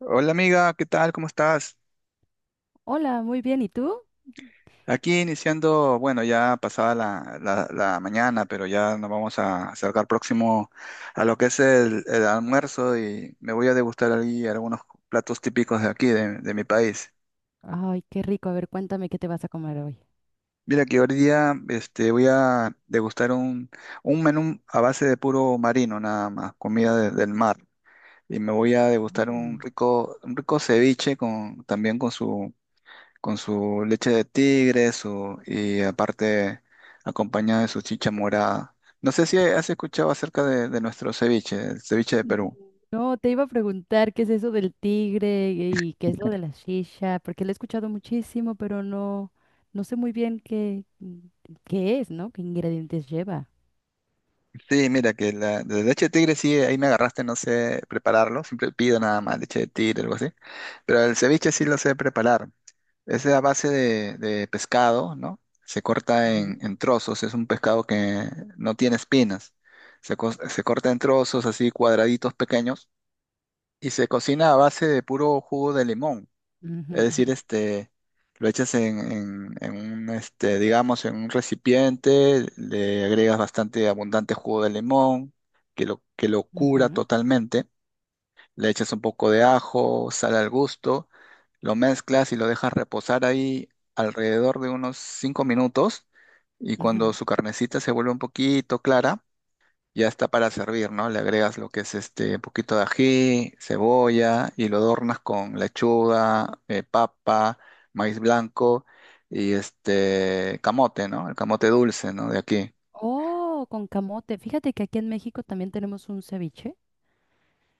Hola amiga, ¿qué tal? ¿Cómo estás? Hola, muy bien. ¿Y tú? Aquí iniciando, bueno, ya pasada la mañana, pero ya nos vamos a acercar próximo a lo que es el almuerzo y me voy a degustar allí algunos platos típicos de aquí, de mi país. Ay, qué rico. A ver, cuéntame qué te vas a comer hoy. Mira que hoy día voy a degustar un menú a base de puro marino, nada más, comida del mar. Y me voy a degustar Mm. Un rico ceviche también con su leche de tigre, su, y aparte acompañado de su chicha morada. No sé si has escuchado acerca de nuestro ceviche, el ceviche de Mm, Perú. no, te iba a preguntar qué es eso del tigre y qué es lo de la shisha, porque lo he escuchado muchísimo, pero no sé muy bien qué es, ¿no? ¿Qué ingredientes lleva? Sí, mira, que la de leche de tigre sí, ahí me agarraste, no sé prepararlo, siempre pido nada más leche de tigre, algo así. Pero el ceviche sí lo sé preparar. Es a base de pescado, ¿no? Se corta Ujú. en trozos, es un pescado que no tiene espinas. Se corta en trozos así cuadraditos pequeños y se cocina a base de puro jugo de limón. Ujú, Es ujú. decir, lo echas en un, digamos, en un recipiente, le agregas bastante abundante jugo de limón, que lo cura Ujú, totalmente. Le echas un poco de ajo, sal al gusto, lo mezclas y lo dejas reposar ahí alrededor de unos 5 minutos. Y cuando ujú. su carnecita se vuelve un poquito clara, ya está para servir, ¿no? Le agregas lo que es un poquito de ají, cebolla y lo adornas con lechuga, papa, maíz blanco y este camote, ¿no? El camote dulce, ¿no? De aquí. Oh, con camote. Fíjate que aquí en México también tenemos un ceviche,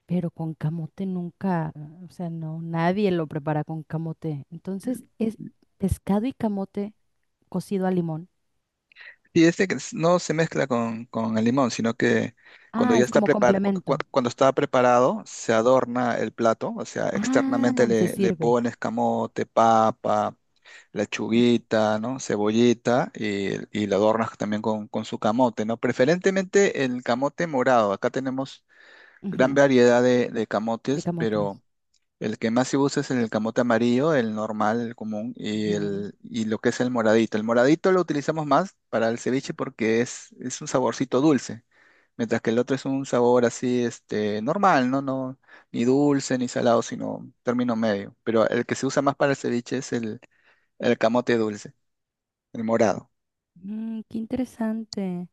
pero con camote nunca, o sea, no, nadie lo prepara con camote. Entonces es pescado y camote cocido a limón. Y este que no se mezcla con el limón, sino que cuando Ah, ya es está como preparado, complemento. cuando está preparado, se adorna el plato, o sea, externamente Ah, se le sirve. pones camote, papa, lechuguita, ¿no? Cebollita y lo adornas también con su camote, ¿no? Preferentemente el camote morado. Acá tenemos gran Ujú, variedad de de camotes, pero camotes. el que más se usa es el camote amarillo, el normal, el común, y, Ujú. el, y lo que es el moradito. El moradito lo utilizamos más para el ceviche porque es un saborcito dulce, mientras que el otro es un sabor así, normal, ¿no? No, ni dulce ni salado, sino término medio. Pero el que se usa más para el ceviche es el camote dulce, el morado. Mm, qué interesante.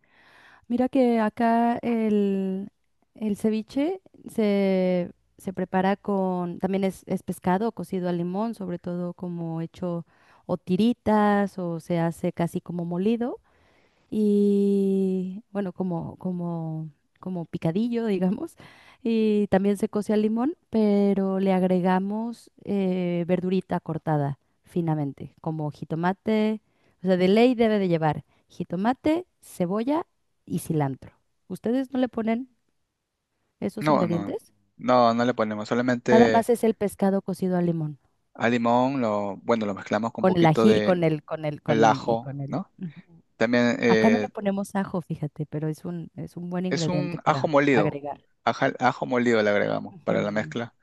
Mira que acá el ceviche se, se prepara con, también es pescado cocido al limón, sobre todo como hecho o tiritas o se hace casi como molido y bueno, como picadillo, digamos, y también se coce al limón, pero le agregamos verdurita cortada finamente, como jitomate, o sea, de ley debe de llevar jitomate, cebolla y cilantro. ¿Ustedes no le ponen esos No, no, ingredientes? no, no le ponemos, Nada solamente más es el pescado cocido al limón, al limón, lo, bueno, lo mezclamos con un con el poquito ají, de el y ajo, con el. ¿no? Ujú. También Acá no le ponemos ajo, fíjate, pero es un buen es ingrediente un ajo para molido. agregar. Ajo molido le agregamos para la Ujú. mezcla.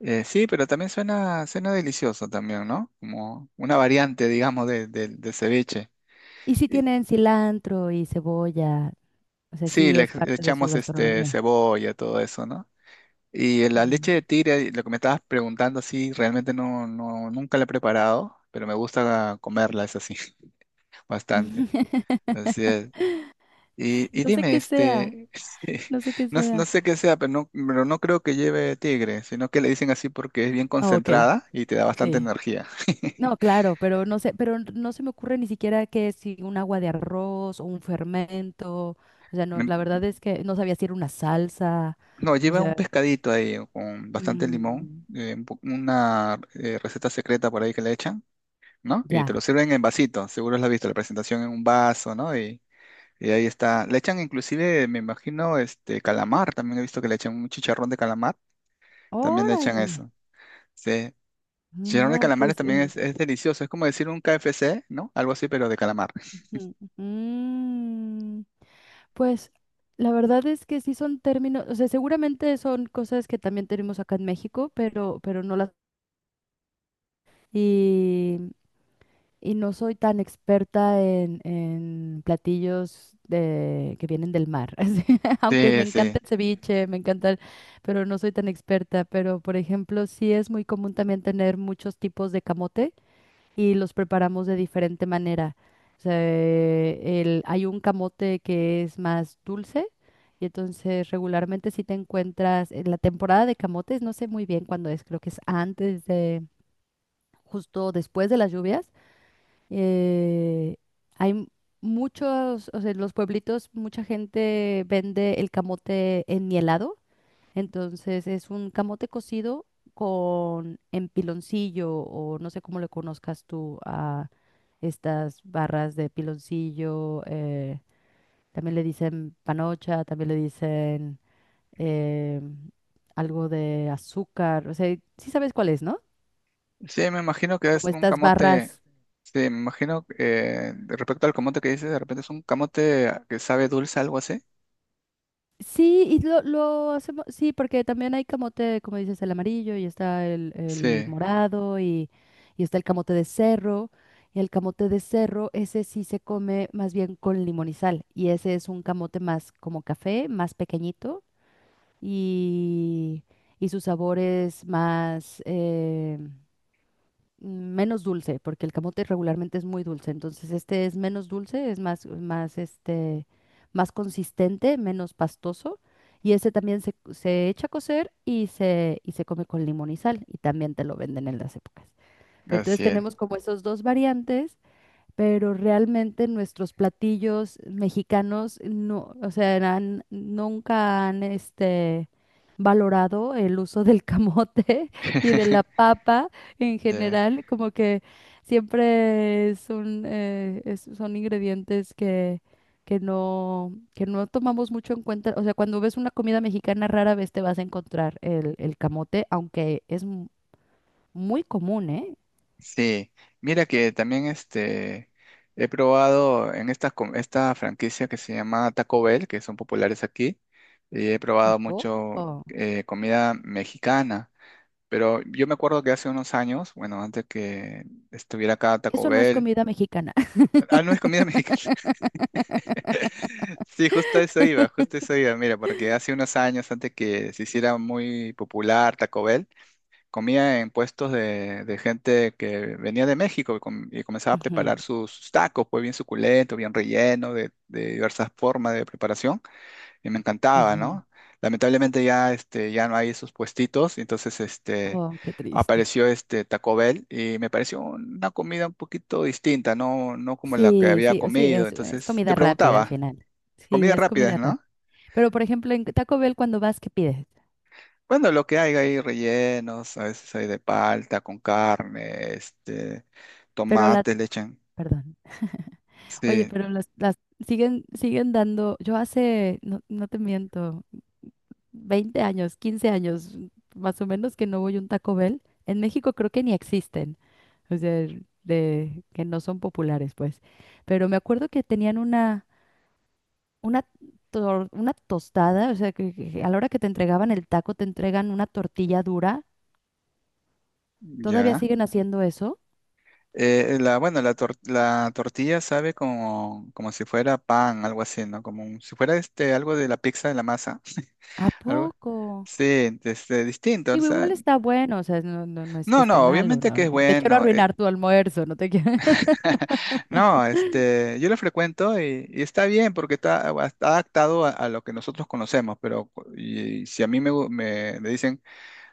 Sí, pero también suena, suena delicioso también, ¿no? Como una variante, digamos, de, del ceviche. Y si Y- tienen cilantro y cebolla, o sea, sí, sí le, es le parte de su echamos gastronomía. cebolla, todo eso, ¿no? Y la leche de Mm. tigre, lo que me estabas preguntando, sí, realmente no, nunca la he preparado, pero me gusta comerla, es así, bastante. Así es. Y No sé dime, qué sea, sí, no sé qué no, no sea. sé qué sea, pero no creo que lleve tigre, sino que le dicen así porque es bien Ah, ok, concentrada y te da bastante sí. energía. No, claro, pero no sé, pero no se me ocurre ni siquiera que si un agua de arroz o un fermento, o sea, no, la Me- verdad es que no sabía si era una salsa, No, o lleva un sea, pescadito ahí con bastante limón, mm, un una receta secreta por ahí que le echan, ¿no? Y te ya. lo sirven en vasito, seguro lo has visto, la presentación en un vaso, ¿no? Y ahí está. Le echan inclusive, me imagino, este calamar, también he visto que le echan un chicharrón de calamar, también le echan Órale. eso. Sí, chicharrón de No, calamares pues, también es delicioso, es como decir un KFC, ¿no? Algo así, pero de calamar. ujú, ujú. Pues la verdad es que sí son términos, o sea, seguramente son cosas que también tenemos acá en México, pero no las... Y, y no soy tan experta en platillos de, que vienen del mar, así, aunque me Sí, encanta sí. el ceviche, me encanta, el- pero no soy tan experta, pero por ejemplo, sí es muy común también tener muchos tipos de camote y los preparamos de diferente manera. O sea, el- hay un camote que es más dulce y entonces regularmente si te encuentras en la temporada de camotes, no sé muy bien cuándo es, creo que es antes de, justo después de las lluvias, eh, hay m- muchos, o sea, en los pueblitos mucha gente vende el camote enmielado, entonces es un camote cocido con empiloncillo o no sé cómo le conozcas tú a estas barras de piloncillo. Eh, también le dicen panocha, también le dicen eh, algo de azúcar. O sea, sí sabes cuál es, ¿no? Sí, me imagino que es Como un estas camote. barras. Sí, me imagino de respecto al camote que dices, de repente es un camote que sabe dulce, algo así. Sí, lo hacemos, sí, porque también hay camote, como dices, el amarillo y está el Sí, morado y está el camote de cerro. Y el camote de cerro, ese sí se come más bien con limón y sal. Y ese es un camote más como café, más pequeñito y, y su sabor es más, em, menos dulce, porque el camote regularmente es muy dulce, entonces este es menos dulce, es más, más, este, más consistente, menos pastoso, y ese también se echa a cocer y se come con limón y sal, y también te lo venden en las épocas. Pero entonces así es. tenemos como esos dos variantes, pero realmente nuestros platillos mexicanos no, o sea, han- nunca han este, valorado el uso del camote y de la papa en Eh, general, como que siempre es un, es- son ingredientes que no tomamos mucho en cuenta. O sea, cuando ves una comida mexicana, rara vez te vas a encontrar el camote, aunque es mu- muy común, ¿eh? sí, mira que también he probado en esta, esta franquicia que se llama Taco Bell, que son populares aquí, y he ¿A probado mucho poco? Comida mexicana. Pero yo me acuerdo que hace unos años, bueno, antes que estuviera acá Taco Eso no es Bell. comida mexicana. Ah, no es comida mexicana. Sí, justo a eso iba, justo a eso iba. Mira, porque hace unos años, antes que se hiciera muy popular Taco Bell, comía en puestos de gente que venía de México y comenzaba a Ujú, preparar sus, sus tacos, pues bien suculento, bien relleno, de diversas formas de preparación y me encantaba, ujú. ¿no? Lamentablemente ya, ya no hay esos puestitos, entonces Oh, qué triste. apareció este Taco Bell y me pareció una comida un poquito distinta, no, no como la que Sí, había sí, o sí, comido. Es Entonces te comida rápida al preguntaba, final. Sí, comidas es comida rápidas, rápida. ¿no? Pero, por ejemplo, en Taco Bell cuando vas, ¿qué pides? Bueno, lo que hay rellenos, a veces hay de palta con carne, Pero tomate, le echan. perdón. Oye, Sí, pero las siguen dando, yo hace, no, no te miento, 20 años, 15 años, más o menos que no voy a un Taco Bell. En México creo que ni existen. O sea, de que no son populares, pues. Pero me acuerdo que tenían una, tor- una tostada, o sea, que a la hora que te entregaban el taco, te entregan una tortilla dura. ¿Todavía ya. siguen haciendo eso? La, bueno, la, la tortilla sabe como, como si fuera pan, algo así, ¿no? Como si fuera algo de la pizza, de la masa, ¿A algo. poco? Sí, distinto, o Digo, sea, igual está bueno, o sea, no es que no, esté no, malo, obviamente que es no te quiero bueno. Arruinar tu almuerzo, no te quiero... no, yo lo frecuento y está bien porque está, está adaptado a lo que nosotros conocemos, pero y, si a mí me dicen,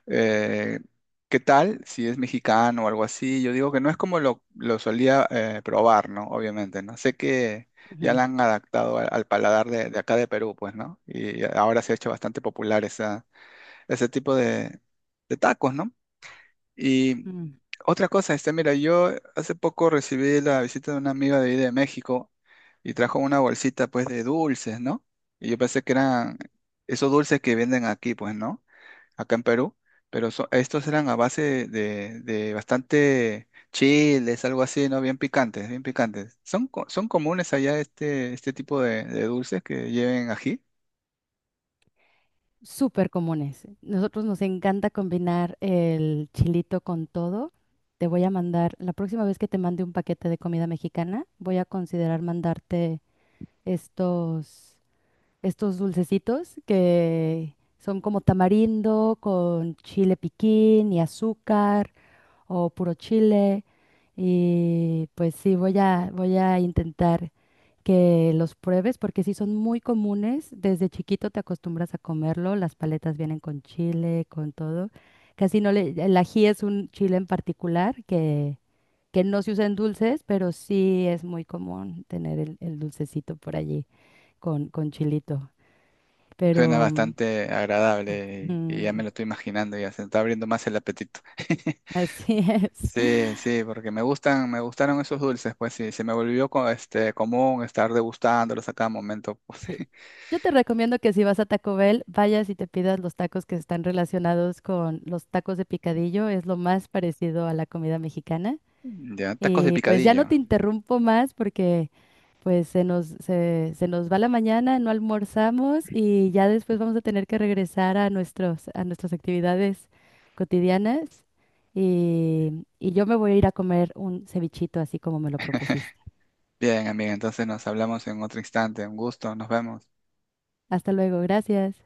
eh, ¿qué tal? Si es mexicano o algo así. Yo digo que no es como lo solía probar, ¿no? Obviamente, ¿no? Sé que ya Ujú. la han adaptado al, al paladar de acá de Perú, pues, ¿no? Y ahora se ha hecho bastante popular esa, ese tipo de tacos, ¿no? Y Mm. otra cosa, mira, yo hace poco recibí la visita de una amiga de ahí de México y trajo una bolsita, pues, de dulces, ¿no? Y yo pensé que eran esos dulces que venden aquí, pues, ¿no? Acá en Perú, pero estos eran a base de bastante chiles, algo así, ¿no? Bien picantes, bien picantes. ¿Son, son comunes allá este, este tipo de dulces que lleven ají? Súper comunes. Nosotros nos encanta combinar el chilito con todo. Te voy a mandar, la próxima vez que te mande un paquete de comida mexicana, voy a considerar mandarte estos estos dulcecitos que son como tamarindo con chile piquín y azúcar o puro chile. Y pues sí, voy a intentar que los pruebes porque sí son muy comunes. Desde chiquito te acostumbras a comerlo. Las paletas vienen con chile, con todo. Casi no le, el ají es un chile en particular que no se usa en dulces, pero sí es muy común tener el dulcecito por allí con chilito. Suena Pero bastante agradable y ya me mm, lo estoy imaginando, ya se está abriendo más el apetito. así es. Sí, sí, porque me gustan, me gustaron esos dulces, pues sí, se me volvió común estar degustándolos a cada momento, pues. Sí. Yo te recomiendo que si vas a Taco Bell, vayas y te pidas los tacos que están relacionados con los tacos de picadillo. Es lo más parecido a la comida mexicana. Ya, tacos de Y pues ya no te picadillo. interrumpo más porque pues se nos va la mañana, no almorzamos y ya después vamos a tener que regresar a a nuestras actividades cotidianas. Y yo me voy a ir a comer un cevichito así como me lo propusiste. Bien, amiga, entonces nos hablamos en otro instante. Un gusto, nos vemos. Hasta luego, gracias.